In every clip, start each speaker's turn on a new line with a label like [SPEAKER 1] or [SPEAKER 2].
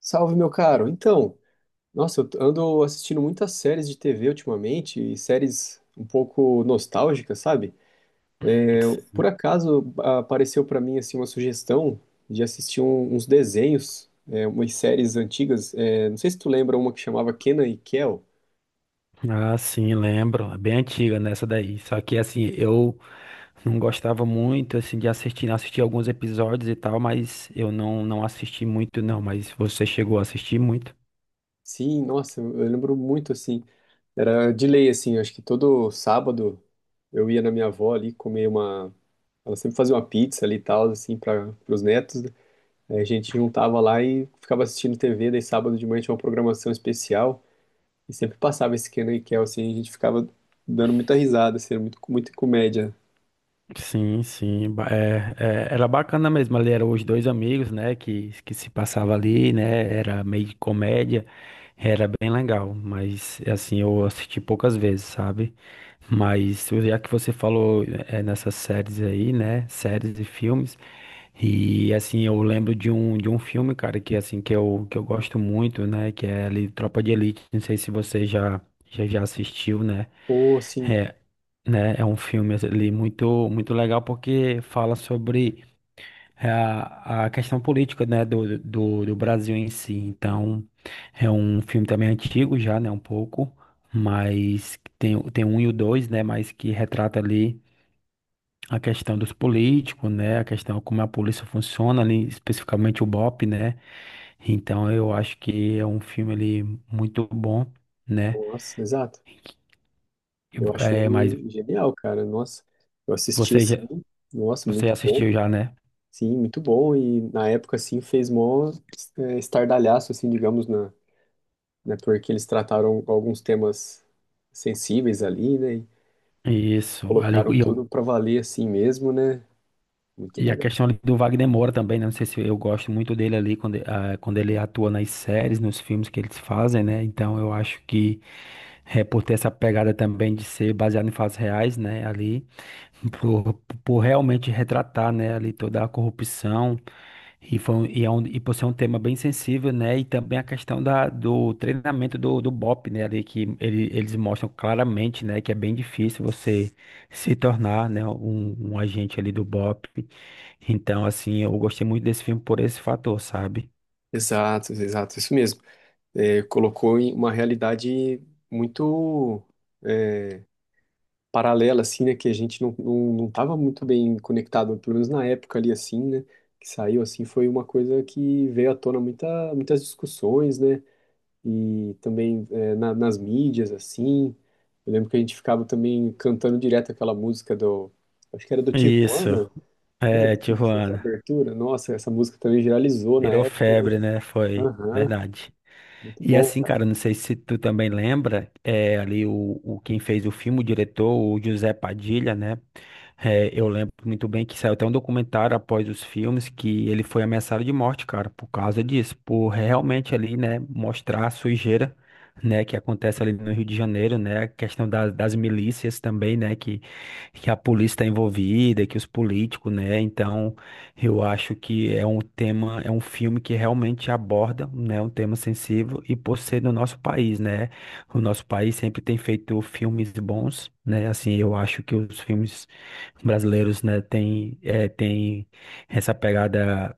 [SPEAKER 1] Salve, meu caro. Nossa, eu ando assistindo muitas séries de TV ultimamente e séries um pouco nostálgicas, sabe? Por acaso apareceu pra mim assim uma sugestão de assistir uns desenhos, umas séries antigas. É, não sei se tu lembra uma que chamava Kenan e Kel.
[SPEAKER 2] Ah, sim, lembro. É bem antiga nessa daí. Só que assim, eu não gostava muito assim de assistir, assisti alguns episódios e tal, mas eu não assisti muito não, mas você chegou a assistir muito?
[SPEAKER 1] Sim, nossa, eu lembro muito assim. Era de lei assim. Acho que todo sábado eu ia na minha avó ali comer uma. Ela sempre fazia uma pizza ali e tal assim para os netos, né? Aí a gente juntava lá e ficava assistindo TV, daí sábado de manhã tinha uma programação especial e sempre passava esse Kenan e Kel, assim, a gente ficava dando muita risada, assim, era muita comédia.
[SPEAKER 2] Sim, sim, é, é, era bacana mesmo, ali eram os dois amigos, né, que se passava ali, né, era meio de comédia, era bem legal, mas assim, eu assisti poucas vezes, sabe? Mas já que você falou nessas séries aí, né, séries e filmes, e assim, eu lembro de um filme, cara, que assim, que eu gosto muito, né, que é ali Tropa de Elite, não sei se você já assistiu, né,
[SPEAKER 1] Pô, assim,
[SPEAKER 2] é, né? É um filme ali muito, muito legal porque fala sobre a questão política, né, do Brasil em si. Então, é um filme também antigo já, né, um pouco, mas tem, tem um e o dois, né, mas que retrata ali a questão dos políticos, né, a questão como a polícia funciona ali, especificamente o BOP, né? Então, eu acho que é um filme ali muito bom, né?
[SPEAKER 1] nossa, exato. Eu
[SPEAKER 2] É, mas
[SPEAKER 1] acho genial, cara, nossa. Eu assisti,
[SPEAKER 2] você
[SPEAKER 1] assim,
[SPEAKER 2] já,
[SPEAKER 1] nossa,
[SPEAKER 2] você
[SPEAKER 1] muito bom.
[SPEAKER 2] assistiu já, né?
[SPEAKER 1] Sim, muito bom e na época, assim, fez mó estardalhaço, assim, digamos, na, né, porque eles trataram alguns temas sensíveis ali, né, e
[SPEAKER 2] Isso, ali,
[SPEAKER 1] colocaram
[SPEAKER 2] e,
[SPEAKER 1] tudo pra valer assim mesmo, né, muito
[SPEAKER 2] e
[SPEAKER 1] da.
[SPEAKER 2] a questão ali do Wagner Moura também, né? Não sei se eu gosto muito dele ali quando, quando ele atua nas séries, nos filmes que eles fazem, né? Então eu acho que por ter essa pegada também de ser baseado em fatos reais, né? Ali, por, por realmente retratar, né? Ali toda a corrupção. E, foi, um- e, é um, e por ser um tema bem sensível, né? E também a questão do treinamento do BOP, né? Ali que ele, eles mostram claramente, né? Que é bem difícil você se tornar, né? Um agente ali do BOP. Então, assim, eu gostei muito desse filme por esse fator, sabe?
[SPEAKER 1] Exato, exato, isso mesmo. É, colocou em uma realidade muito, é, paralela, assim, né, que a gente não tava muito bem conectado, pelo menos na época ali, assim, né, que saiu, assim, foi uma coisa que veio à tona muitas discussões, né, e também nas mídias, assim, eu lembro que a gente ficava também cantando direto aquela música do, acho que era do
[SPEAKER 2] Isso.
[SPEAKER 1] Tijuana, né,
[SPEAKER 2] É,
[SPEAKER 1] que fez a
[SPEAKER 2] Tijuana.
[SPEAKER 1] abertura, nossa, essa música também viralizou na
[SPEAKER 2] Virou
[SPEAKER 1] época,
[SPEAKER 2] febre, né? Foi.
[SPEAKER 1] aham,
[SPEAKER 2] Verdade.
[SPEAKER 1] muito
[SPEAKER 2] E
[SPEAKER 1] bom.
[SPEAKER 2] assim, cara, não sei se tu também lembra, ali o quem fez o filme, o diretor, o José Padilha, né? É, eu lembro muito bem que saiu até um documentário após os filmes que ele foi ameaçado de morte, cara, por causa disso, por realmente ali, né, mostrar a sujeira, né, que acontece ali no Rio de Janeiro, né, a questão das milícias também, né, que a polícia está envolvida, que os políticos, né, então eu acho que é um tema, é um filme que realmente aborda, né, um tema sensível e por ser no nosso país, né? O nosso país sempre tem feito filmes bons, né? Assim, eu acho que os filmes brasileiros, né, tem essa pegada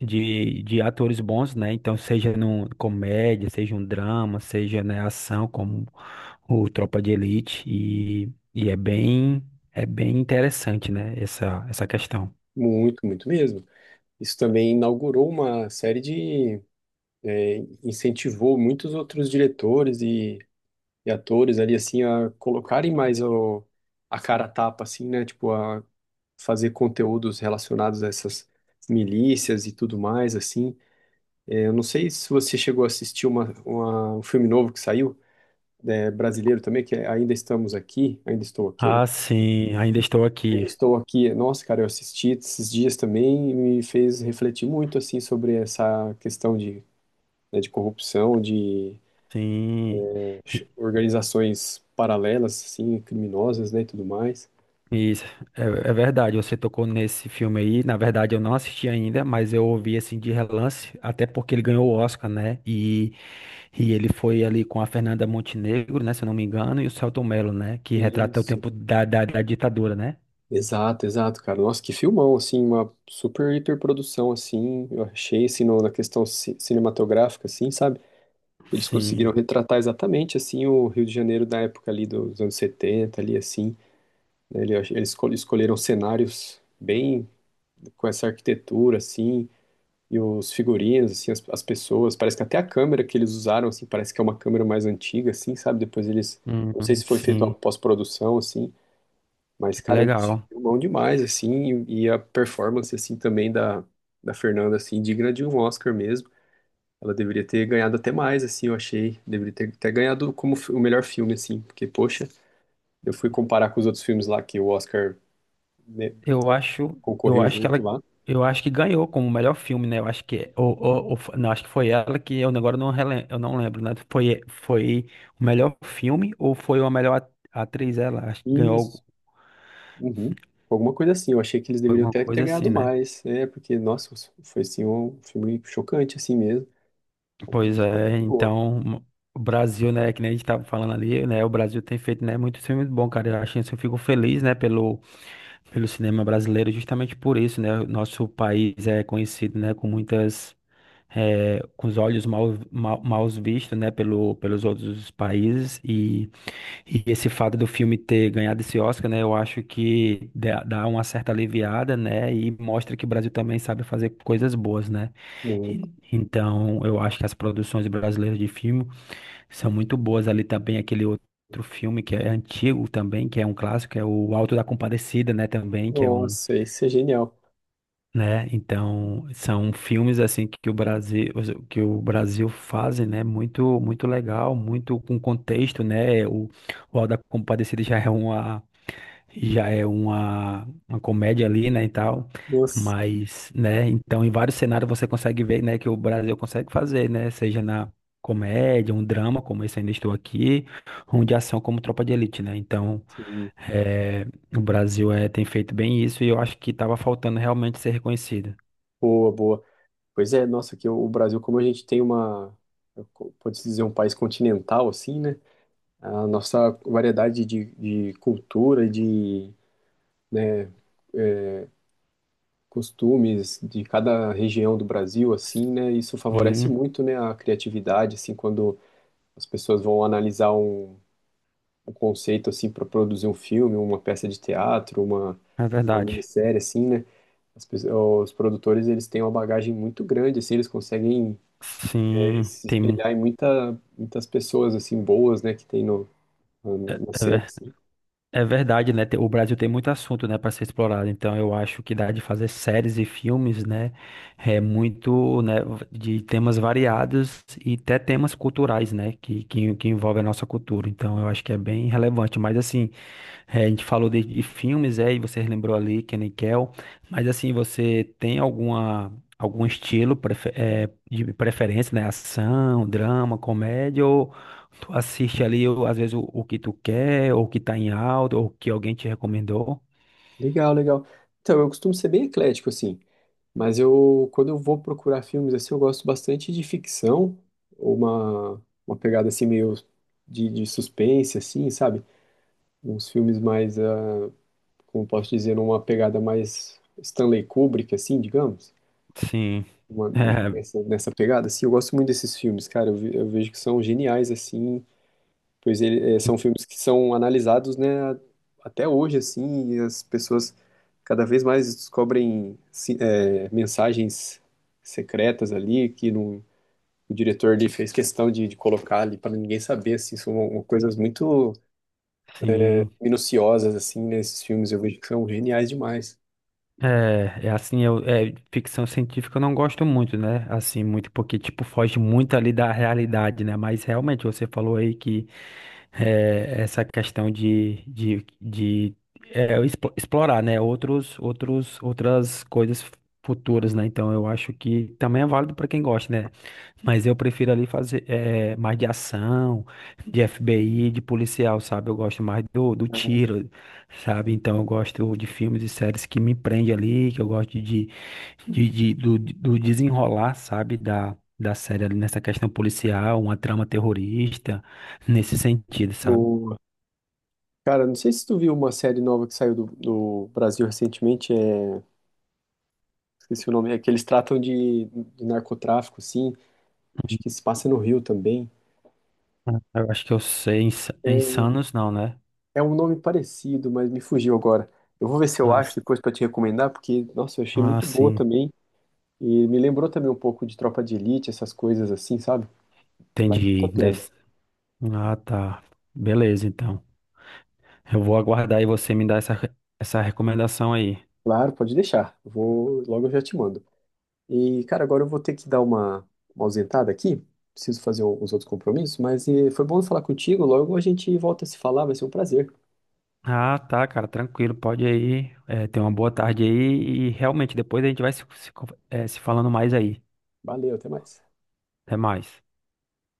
[SPEAKER 2] de atores bons, né? Então, seja num comédia, seja um drama, seja, né, ação, como o Tropa de Elite e é bem interessante, né, essa questão.
[SPEAKER 1] Muito, muito mesmo. Isso também inaugurou uma série de, incentivou muitos outros diretores e atores ali, assim, a colocarem mais o, a cara a tapa, assim, né? Tipo, a fazer conteúdos relacionados a essas milícias e tudo mais, assim. É, eu não sei se você chegou a assistir uma, um filme novo que saiu, é, brasileiro também, que é Ainda Estamos Aqui, Ainda Estou Aqui.
[SPEAKER 2] Ah, sim, ainda estou
[SPEAKER 1] Ainda
[SPEAKER 2] aqui.
[SPEAKER 1] estou aqui. Nossa, cara, eu assisti esses dias também e me fez refletir muito assim sobre essa questão de, né, de corrupção, de
[SPEAKER 2] Sim, E-
[SPEAKER 1] organizações paralelas, assim, criminosas, né, e tudo mais.
[SPEAKER 2] isso é, é verdade. Você tocou nesse filme aí. Na verdade, eu não assisti ainda, mas eu ouvi assim de relance, até porque ele ganhou o Oscar, né? E ele foi ali com a Fernanda Montenegro, né? Se eu não me engano, e o Selton Mello, né? Que retrata o
[SPEAKER 1] Isso.
[SPEAKER 2] tempo da ditadura, né?
[SPEAKER 1] Exato, exato, cara. Nossa, que filmão, assim, uma super hiperprodução, assim, eu achei, assim, na questão cinematográfica, assim, sabe? Eles conseguiram
[SPEAKER 2] Sim,
[SPEAKER 1] retratar exatamente, assim, o Rio de Janeiro da época ali dos anos 70 ali, assim, né? Eles escolheram cenários bem com essa arquitetura, assim, e os figurinos, assim, as pessoas. Parece que até a câmera que eles usaram, assim, parece que é uma câmera mais antiga, assim, sabe? Depois eles.
[SPEAKER 2] Hum,
[SPEAKER 1] Não sei se foi feito uma
[SPEAKER 2] sim,
[SPEAKER 1] pós-produção, assim, mas,
[SPEAKER 2] que
[SPEAKER 1] cara, eles
[SPEAKER 2] legal.
[SPEAKER 1] filmam demais, assim, e a performance, assim, também da, da Fernanda, assim, digna de um Oscar mesmo. Ela deveria ter ganhado até mais, assim, eu achei. Deveria ter, ter ganhado como o melhor filme, assim, porque, poxa, eu fui comparar com os outros filmes lá que o Oscar, né,
[SPEAKER 2] Eu acho, eu
[SPEAKER 1] concorreu
[SPEAKER 2] acho que
[SPEAKER 1] junto
[SPEAKER 2] ela,
[SPEAKER 1] lá.
[SPEAKER 2] eu acho que ganhou como melhor filme, né? Eu acho que, ou não, acho que foi ela que eu agora não rele- eu não lembro, né? Foi o melhor filme ou foi a melhor atriz? Ela acho que
[SPEAKER 1] E
[SPEAKER 2] ganhou
[SPEAKER 1] uhum. Alguma coisa assim, eu achei que eles deveriam
[SPEAKER 2] alguma
[SPEAKER 1] até ter
[SPEAKER 2] coisa assim,
[SPEAKER 1] ganhado
[SPEAKER 2] né?
[SPEAKER 1] mais, é, porque, nossa, foi assim um filme chocante, assim mesmo. Uma
[SPEAKER 2] Pois
[SPEAKER 1] produção muito
[SPEAKER 2] é,
[SPEAKER 1] boa.
[SPEAKER 2] então o Brasil, né? Que nem a gente tava falando ali, né? O Brasil tem feito, né? Muitos filmes bons, cara. Eu acho isso, eu fico feliz, né? Pelo cinema brasileiro, justamente por isso, né? O nosso país é conhecido, né? Com muitas com os olhos maus vistos, né, pelos outros países e esse fato do filme ter ganhado esse Oscar, né, eu acho que dá uma certa aliviada, né, e mostra que o Brasil também sabe fazer coisas boas, né.
[SPEAKER 1] Muito.
[SPEAKER 2] Então, eu acho que as produções brasileiras de filme são muito boas. Ali também aquele outro filme que é antigo também, que é um clássico, que é o Alto da Compadecida, né, também, que é um
[SPEAKER 1] Nossa, isso é genial.
[SPEAKER 2] né? Então, são filmes assim que o Brasil fazem, né? Muito muito legal, muito com contexto, né? O Auto da Compadecida já é uma comédia ali, né, e tal.
[SPEAKER 1] Nossa,
[SPEAKER 2] Mas, né, então em vários cenários você consegue ver, né, que o Brasil consegue fazer, né, seja na comédia, um drama, como esse Ainda Estou Aqui, um de ação como Tropa de Elite, né? Então,
[SPEAKER 1] sim.
[SPEAKER 2] é, o Brasil tem feito bem isso e eu acho que estava faltando realmente ser reconhecido.
[SPEAKER 1] Boa, boa. Pois é, nossa, que o Brasil, como a gente tem uma, pode-se dizer, um país continental, assim, né? A nossa variedade de cultura, de, né, é, costumes de cada região do Brasil, assim, né? Isso favorece
[SPEAKER 2] Sim,
[SPEAKER 1] muito, né, a criatividade, assim, quando as pessoas vão analisar um, um conceito assim para produzir um filme, uma peça de teatro,
[SPEAKER 2] é
[SPEAKER 1] uma
[SPEAKER 2] verdade.
[SPEAKER 1] minissérie assim, né? Os produtores eles têm uma bagagem muito grande, assim, eles conseguem é,
[SPEAKER 2] Sim,
[SPEAKER 1] se
[SPEAKER 2] tem.
[SPEAKER 1] espelhar em muitas pessoas assim boas, né, que tem no, na cena assim.
[SPEAKER 2] É verdade, né? O Brasil tem muito assunto, né, para ser explorado. Então, eu acho que dá de fazer séries e filmes, né? É muito, né, de temas variados e até temas culturais, né, que envolvem a nossa cultura. Então, eu acho que é bem relevante. Mas, assim, é, a gente falou de filmes, é, e você lembrou ali que Nickel. Mas, assim, você tem algum estilo de preferência, né? Ação, drama, comédia? Tu assiste ali, às vezes, o que tu quer, ou o que tá em alta, ou o que alguém te recomendou.
[SPEAKER 1] Legal, legal. Então, eu costumo ser bem eclético assim, mas eu quando eu vou procurar filmes assim, eu gosto bastante de ficção, ou uma pegada assim meio de suspense assim, sabe? Uns filmes mais ah, como posso dizer, uma pegada mais Stanley Kubrick, assim, digamos.
[SPEAKER 2] Sim.
[SPEAKER 1] Uma- nessa, nessa pegada, assim, eu gosto muito desses filmes, cara. Eu, eu vejo que são geniais, assim, pois ele, é, são filmes que são analisados, né, até hoje, assim, e as pessoas cada vez mais descobrem é, mensagens secretas ali que não, o diretor ali fez questão de colocar ali para ninguém saber, assim, são uma- coisas muito
[SPEAKER 2] É, sim.
[SPEAKER 1] minuciosas, assim, nesses filmes. Eu vejo que são geniais demais.
[SPEAKER 2] É, é assim, eu, ficção científica eu não gosto muito, né? Assim, muito, porque, tipo, foge muito ali da realidade, né? Mas realmente, você falou aí que, essa questão de explorar, né, outras coisas futuras, né? Então eu acho que também é válido para quem gosta, né? Mas eu prefiro ali fazer mais de ação, de FBI, de policial, sabe? Eu gosto mais do tiro, sabe? Então eu gosto de filmes e séries que me prende ali, que eu gosto do desenrolar, sabe, da série ali nessa questão policial, uma trama terrorista, nesse sentido, sabe?
[SPEAKER 1] O cara, não sei se tu viu uma série nova que saiu do, do Brasil recentemente, é... esqueci o nome, é que eles tratam de narcotráfico, sim. Acho que se passa no Rio também.
[SPEAKER 2] Ah, eu acho que eu sei,
[SPEAKER 1] É,
[SPEAKER 2] Insanos não, né?
[SPEAKER 1] é um nome parecido, mas me fugiu agora. Eu vou ver se eu
[SPEAKER 2] Ah,
[SPEAKER 1] acho
[SPEAKER 2] s-
[SPEAKER 1] depois pra te recomendar, porque, nossa, eu achei
[SPEAKER 2] ah,
[SPEAKER 1] muito boa
[SPEAKER 2] sim,
[SPEAKER 1] também. E me lembrou também um pouco de Tropa de Elite, essas coisas assim, sabe? Vale muito a
[SPEAKER 2] entendi. Deve.
[SPEAKER 1] pena.
[SPEAKER 2] Ah, tá. Beleza, então. Eu vou aguardar e você me dar essa recomendação aí.
[SPEAKER 1] Claro, pode deixar. Eu vou, logo eu já te mando. E, cara, agora eu vou ter que dar uma ausentada aqui. Preciso fazer os outros compromissos, mas foi bom falar contigo. Logo a gente volta a se falar, vai ser um prazer.
[SPEAKER 2] Ah, tá, cara, tranquilo, pode ir aí. É, tenha uma boa tarde aí e realmente depois a gente vai se, se, con- eh, se falando mais aí.
[SPEAKER 1] Valeu, até mais.
[SPEAKER 2] Até mais.